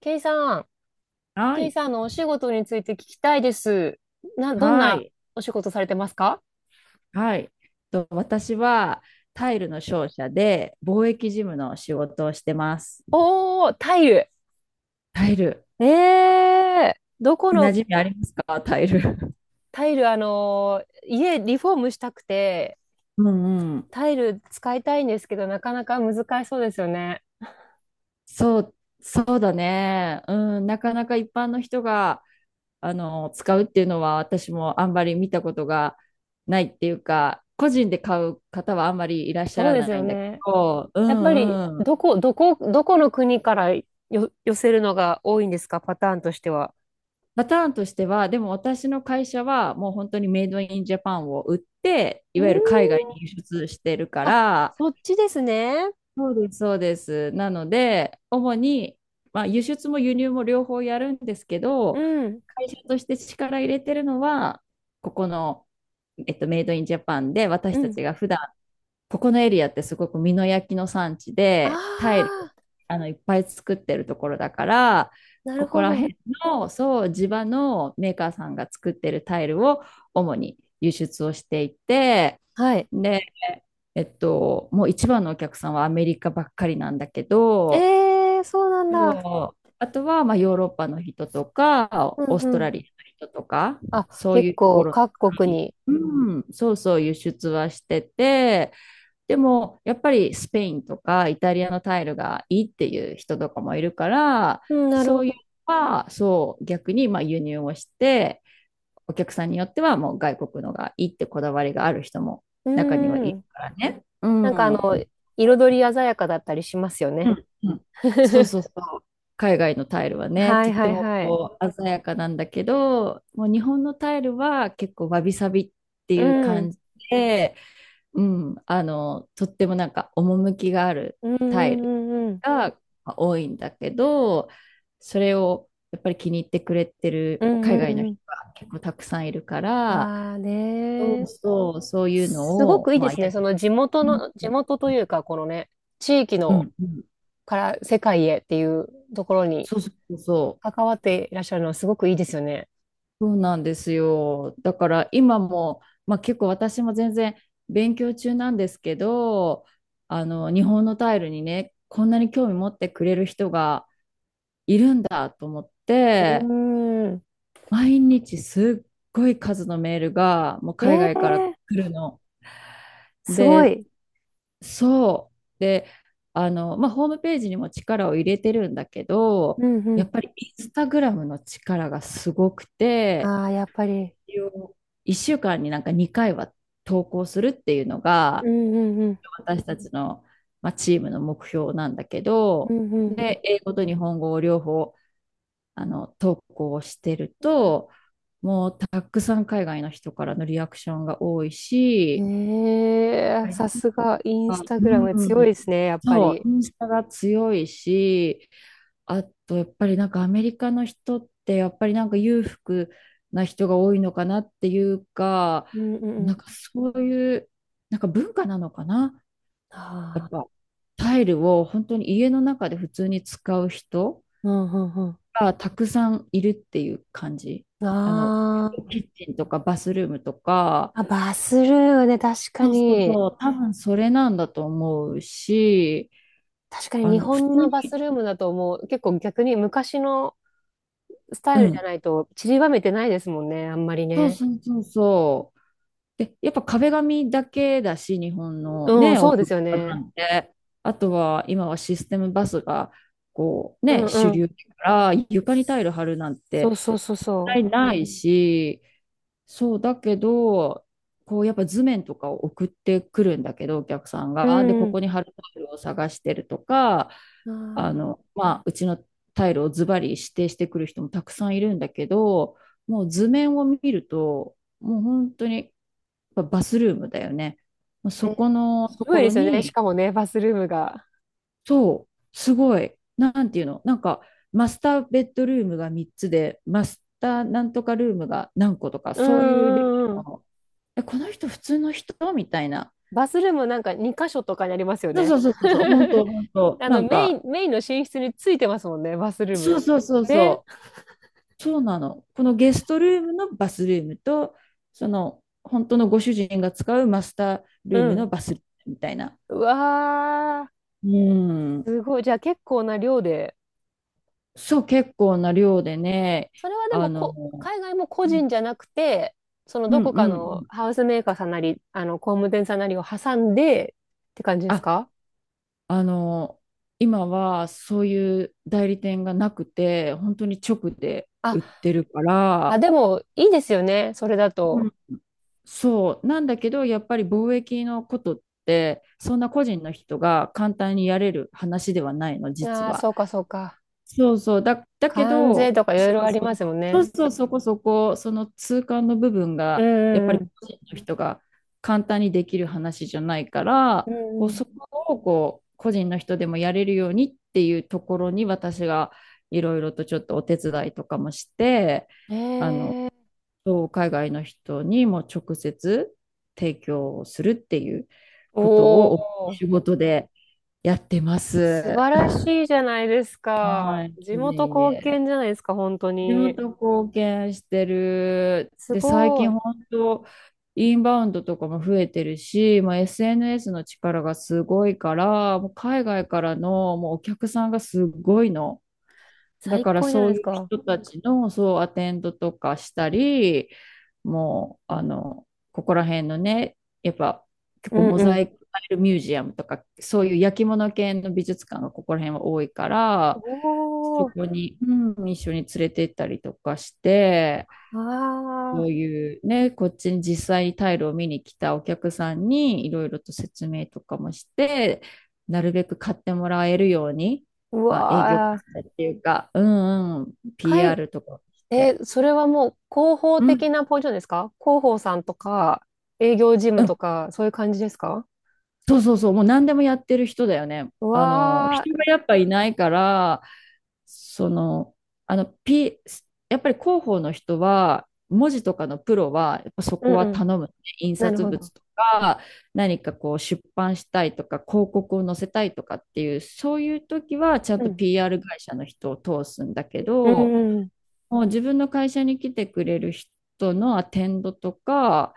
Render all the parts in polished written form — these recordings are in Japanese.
ケイさん、はケイい。さんのお仕事について聞きたいです。どんはない。お仕事されてますか？はい。私はタイルの商社で貿易事務の仕事をしてます。おー、タイル。タイル。ええ、どこ馴の、染みありますかタイル？タイル、家リフォームしたくて、うんうん。タイル使いたいんですけど、なかなか難しそうですよね。そう、そうだね。うん。なかなか一般の人が、使うっていうのは私もあんまり見たことがないっていうか、個人で買う方はあんまりいらっしゃそうらですなよいんだけね。ど、うやっぱり、ん。どこの国からよ寄せるのが多いんですか、パターンとしては？パターンとしては、でも私の会社はもう本当にメイドインジャパンを売って、いうーわゆる海外ん。に輸出してるかあ、ら、そっちですね。そうです、そうです。なので、主に、まあ、輸出も輸入も両方やるんですけど、うん、会社として力入れてるのは、ここの、メイドインジャパンでう私たん。ちが普段ここのエリアってすごく美濃焼きの産地で、タイル、ああ、いっぱい作ってるところだから、なるここほらど。辺の、そう、地場のメーカーさんが作ってるタイルを主に輸出をしていて、はい。で、もう一番のお客さんはアメリカばっかりなんだけえど、え、そうなんだ。そう、あとはまあヨーロッパの人とか、うオースんトうラん。リアの人とか、あ、そう結いうとこ構ろの各国国に、に。うん、そうそう輸出はしてて、でも、やっぱりスペインとかイタリアのタイルがいいっていう人とかもいるから、うん、なるそほういど。うのは、そう、逆にまあ輸入をして、お客さんによってはもう外国のがいいってこだわりがある人もう中にはいーるん。からね。うなんかん。うん。彩り鮮やかだったりしますようね。ん。そう そうそう。海外のタイルはね、はといっはていもはい。こう鮮やかなんだけど、もう日本のタイルは結構わびさびってういうん。感じで、うん、とってもなんか趣があるうんうタイルんうん、うん。が多いんだけど、それをやっぱり気に入ってくれてうるん海う外んのう人ん。が結構たくさんいるから、ああ、そねうー。そう、そういうのすごを、くいいまであ、すやね。る。その地元うの、ん地元というか、このね、地域うのん、うん。から世界へっていうところにそうそうそう、関わっていらっしゃるのはすごくいいですよね。そうなんですよ。だから今も、まあ、結構私も全然勉強中なんですけど、日本のタイルにね、こんなに興味持ってくれる人が、いるんだと思っうて、ーん。毎日すっごい数のメールがもうね海外からえ、来るの。すごで、い。そう。で、まあ、ホームページにも力を入れてるんだけど、うんうやっん。ぱりインスタグラムの力がすごくて、ああ、やっぱり。一週間になんか2回は投稿するっていうのうが、んうんうん。私たちの、まあ、チームの目標なんだけうど、んうんで、英語と日本語を両方投稿をしてると、もうたくさん海外の人からのリアクションが多いうし、ん、ええ、はい。さすが、インあ、スタうグラム強いん、ですね、やっぱそり。う、インスタが強いし、あとやっぱりなんかアメリカの人ってやっぱりなんか裕福な人が多いのかなっていうか、うんうんうなんん。かそういうなんか文化なのかな。やあっあ、ぱタイルを本当に家の中で普通に使う人うんうんがたくさんいるっていう感じ。うん。あの、あー、キッチンとかバスルームとか、あ、バスルームね、確かそうそうに。そう、多分それなんだと思うし、確かに日普本通のバに、スルームだともう結構逆に昔のスうタイルじゃん、ないと散りばめてないですもんね、あんまりそうね。そうそうそう。で、やっぱ壁紙だけだし、日本のうん、ね、おそうで風すよ呂なね。んて、あとは今はシステムバスが、こううね、主んうん。流だから、床にタイル張るなんそうてそうそう絶そ対ないし、そうだけど、こうやっぱ図面とかを送ってくるんだけど、お客さんう。うが。で、こん。こに貼るタイルを探してるとか、あー、まあ、うちのタイルをズバリ指定してくる人もたくさんいるんだけど、もう図面を見ると、もう本当にやっぱバスルームだよね。もうそね、このとこ広いろですよね。しに、かもね、バスルームが。そう、すごい、なんていうの、なんかマスターベッドルームが3つで、マスターなんとかルームが何個とか、うそういうレベルんうんうん。の、え、この人普通の人みたいな。バスルームなんか2箇所とかにありますよそうね。そうそうそうそう、本 当、本当。なんか、メインの寝室についてますもんね、バスルーそうム。そうそうね。そう、そうなの。このゲストルームのバスルームと、その、本当のご主人が使うマスターうルームのん。バスルームみたいな。うわうー、ん。すごい。じゃあ結構な量で。そう、結構な量でね、それはであも、の、こ、海外も個う人んじゃなくて、そのうどんこかうん。のハウスメーカーさんなり、工務店さんなりを挟んでって感じですあ、か？あの、今はそういう代理店がなくて、本当に直で売っあ、てるかあ、ら、でもいいですよね、それだうと。ん。そう。なんだけど、やっぱり貿易のことって、そんな個人の人が簡単にやれる話ではないの、実ああ、は。そうかそうか。そうそう。だけ関税ど、とかいろい私ろはあそりまの、すもんそうね。そう、その痛感の部分うが、やっぱんうりん個人の人が簡単にできる話じゃないから、うこん。う、うそんこをこう、個人の人でもやれるようにっていうところに、私がいろいろとちょっとお手伝いとかもして、うん。あの、えー、そう海外の人にも直接提供をするっていうおことをおー、仕事でやってま素す。晴らしいじゃないですか。はい。地いえ元い貢え。献じゃないですか、本当地に。元貢献してる。すで、最ご近い。本当、インバウンドとかも増えてるし、まあ、SNS の力がすごいから、もう海外からのもうお客さんがすごいの。だ最から高じゃないそうですいうか。人たちのそうアテンドとかしたり、もうここら辺のね、やっぱ結う構んモうザん。イクタイルミュージアムとか、そういう焼き物系の美術館がここら辺は多いから、そおー、こに、うん、一緒に連れて行ったりとかして、あこういうね、こっちに実際にタイルを見に来たお客さんにいろいろと説明とかもして、なるべく買ってもらえるように、ー、うまあ、営業活わー。動っていうか、うんうん、かい、PR とかしえて、ー、それはもう広報うん、的なポジションですか？広報さんとか、営業事う務ん、とか、そういう感じですか？そうそうそう、もう何でもやってる人だよね。うわ人がー、やっぱいないから、その、あの、P、やっぱり広報の人は、文字とかのプロは、やっぱそうこんはうん。頼むね。印なる刷ほど。物とか、何かこう出版したいとか、広告を載せたいとかっていう、そういう時はちゃんうと ん PR 会社の人を通すんだけうど、んうん、もう自分の会社に来てくれる人のアテンドとか、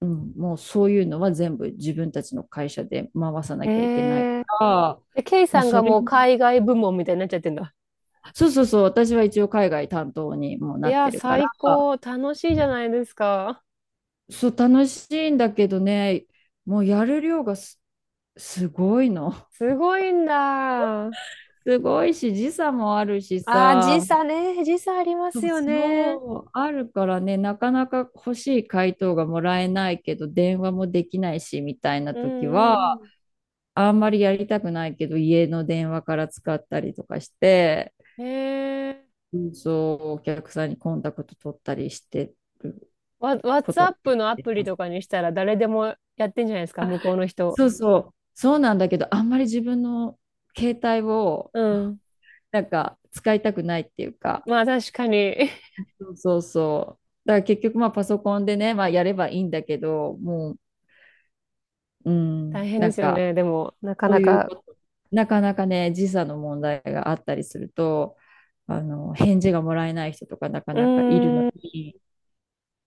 うん、もうそういうのは全部自分たちの会社で回さなきゃいけないかええ。ら、で、ケイもうさんそがれもうも海外部門みたいになっちゃってんだ。そうそうそう、私は一応海外担当にもういなっやー、てるから、最高。楽しいじゃないですか。そう、楽しいんだけどね、もうやる量がすごいの。すごいんだ。あ すごいし、時差もあるしあ、時さ、差ね。時差ありまそすうよね。そう、あるからね、なかなか欲しい回答がもらえないけど、電話もできないし、みたいなう時んうは、あんまりやりたくないけど、家の電話から使ったりとかして、ん。へえ。そう、お客さんにコンタクト取ったりしてるわ、ことをや WhatsApp っのアてプリまとす。かにしたら誰でもやってんじゃないですか、向こうの人。そうそう、そうなんだけど、あんまり自分の携帯をうん。なんか使いたくないっていうか、まあ確かに。 そうそうそう。だから結局まあパソコンでね、まあやればいいんだけど、もう、う大ん、変なでんすよかね。でも、なかそなういうか。こと、なかなかね、時差の問題があったりすると、返事がもらえない人とかなかうなかいるのーん。に、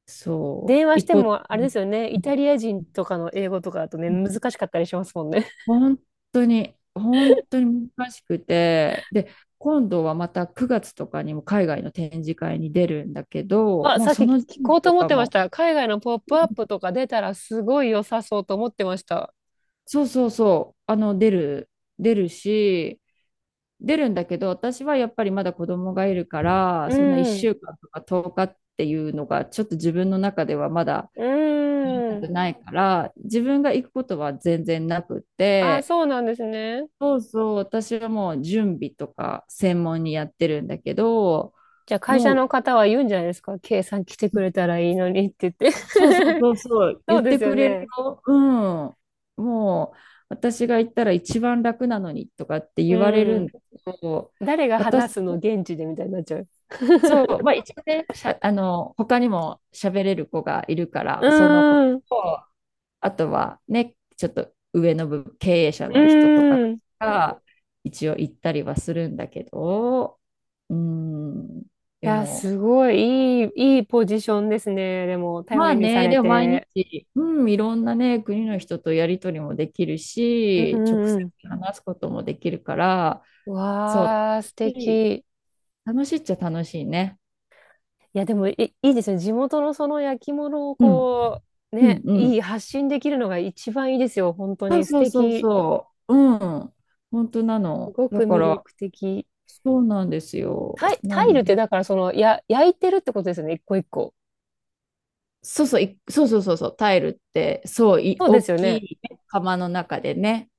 そ電う、話し一て方、も、うあれでん、すよね。イタリア人とかの英語とかだとね、難しかったりしますもんね。本当に、本当に難しくて、で、今度はまた9月とかにも海外の展示会に出るんだけど、あ、もうさっきそ聞の時期こうとと思っかてましも、た。海外のポップアップとか出たらすごい良さそうと思ってました。そうそうそう、出るし、出るんだけど、私はやっぱりまだ子供がいるから、うそんな1ん。週間とか10日っていうのが、ちょっと自分の中ではまだうん。ないから、自分が行くことは全然なくっあ、て、そうなんですね。そうそう、私はもう準備とか専門にやってるんだけど、じゃあ会社ものう、方は言うんじゃないですか。K さん来てくれたらいいのにって言って。そうそうそうそう、そ言っうでてすよくれるね。よ。うん。もう、私が行ったら一番楽なのにとかってう言われるんん。だけど、誰が私、話すの現地でみたいになっちゃう。そう、まあ一応ね、しゃ、あの、他にも喋れる子がいるか ら、うその子と、ん。あとはね、ちょっと上の部、経営者うの人とかん。いが一応行ったりはするんだけど、うん、でや、も、すごいいい、いいポジションですね。でも、頼まありにさね、れでも毎て。日、うん、いろんなね、国の人とやり取りもできるうし、直接んうん話すこともできるから、うん。そわー、う、素敵。楽しいっちゃ楽しいね。いや、でも、いいですね。地元のその焼き物をうん、こう、うん、ね、うん。いい発信できるのが一番いいですよ。本当そうに素そうそう敵。そう、うん、本当なすの。ごだくか魅ら、力的。そうなんですよ。タイルってだからその、や、焼いてるってことですよね。一個一個。そうそう、そうそうそうそう、タイルって、そう、そうで大すよきね。いね釜の中でね、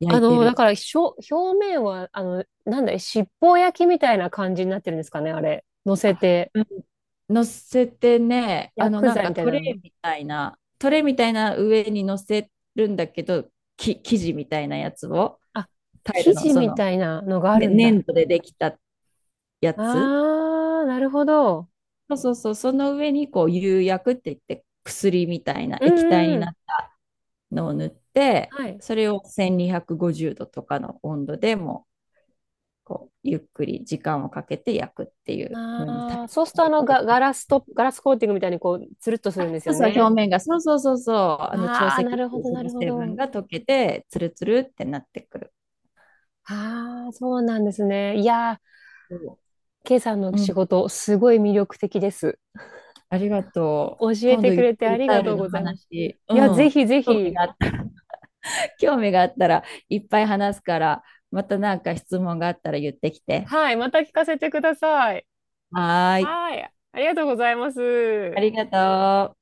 焼いてだる。から表面は、なんだい、七宝焼きみたいな感じになってるんですかね、あれ。乗せて、乗せてね、あの薬なん剤かみたいトレなの。イみたいな、トレイみたいな上に乗せるんだけど、生地みたいなやつを、あ、タイ生ルの地そみたの、いなのがあね、るんだ。粘土でできたやつ。あー、なるほど。そうそうそう、その上にこう釉薬って言って薬みたいなうん液体うんにうん。なったのを塗って、はい。それを1250度とかの温度でもこうゆっくり時間をかけて焼くっていう風にタイああ、そうルするがとあできの、てくガる。ラスと、ガラスコーティングみたいにこう、つるっとするんあ、ですそうよそう、ね。表面が、そうそうそうそう、潮ああ、石っなてるほいうど、そなのるほ成分ど。が溶けて、つるつるってなってくる。ああ、そうなんですね。いやー、そケイさんのう。う仕ん、事、すごい魅力的です。ありがとう。教え今て度くゆっれてくありりタがイとルうのございます。話、ういや、ぜん、ひぜ興味ひ、があった、興味があったらいっぱい話すから、またなんか質問があったら言ってきて。はい、また聞かせてください。はーい、はい、ありがとうございまあす。りがとう。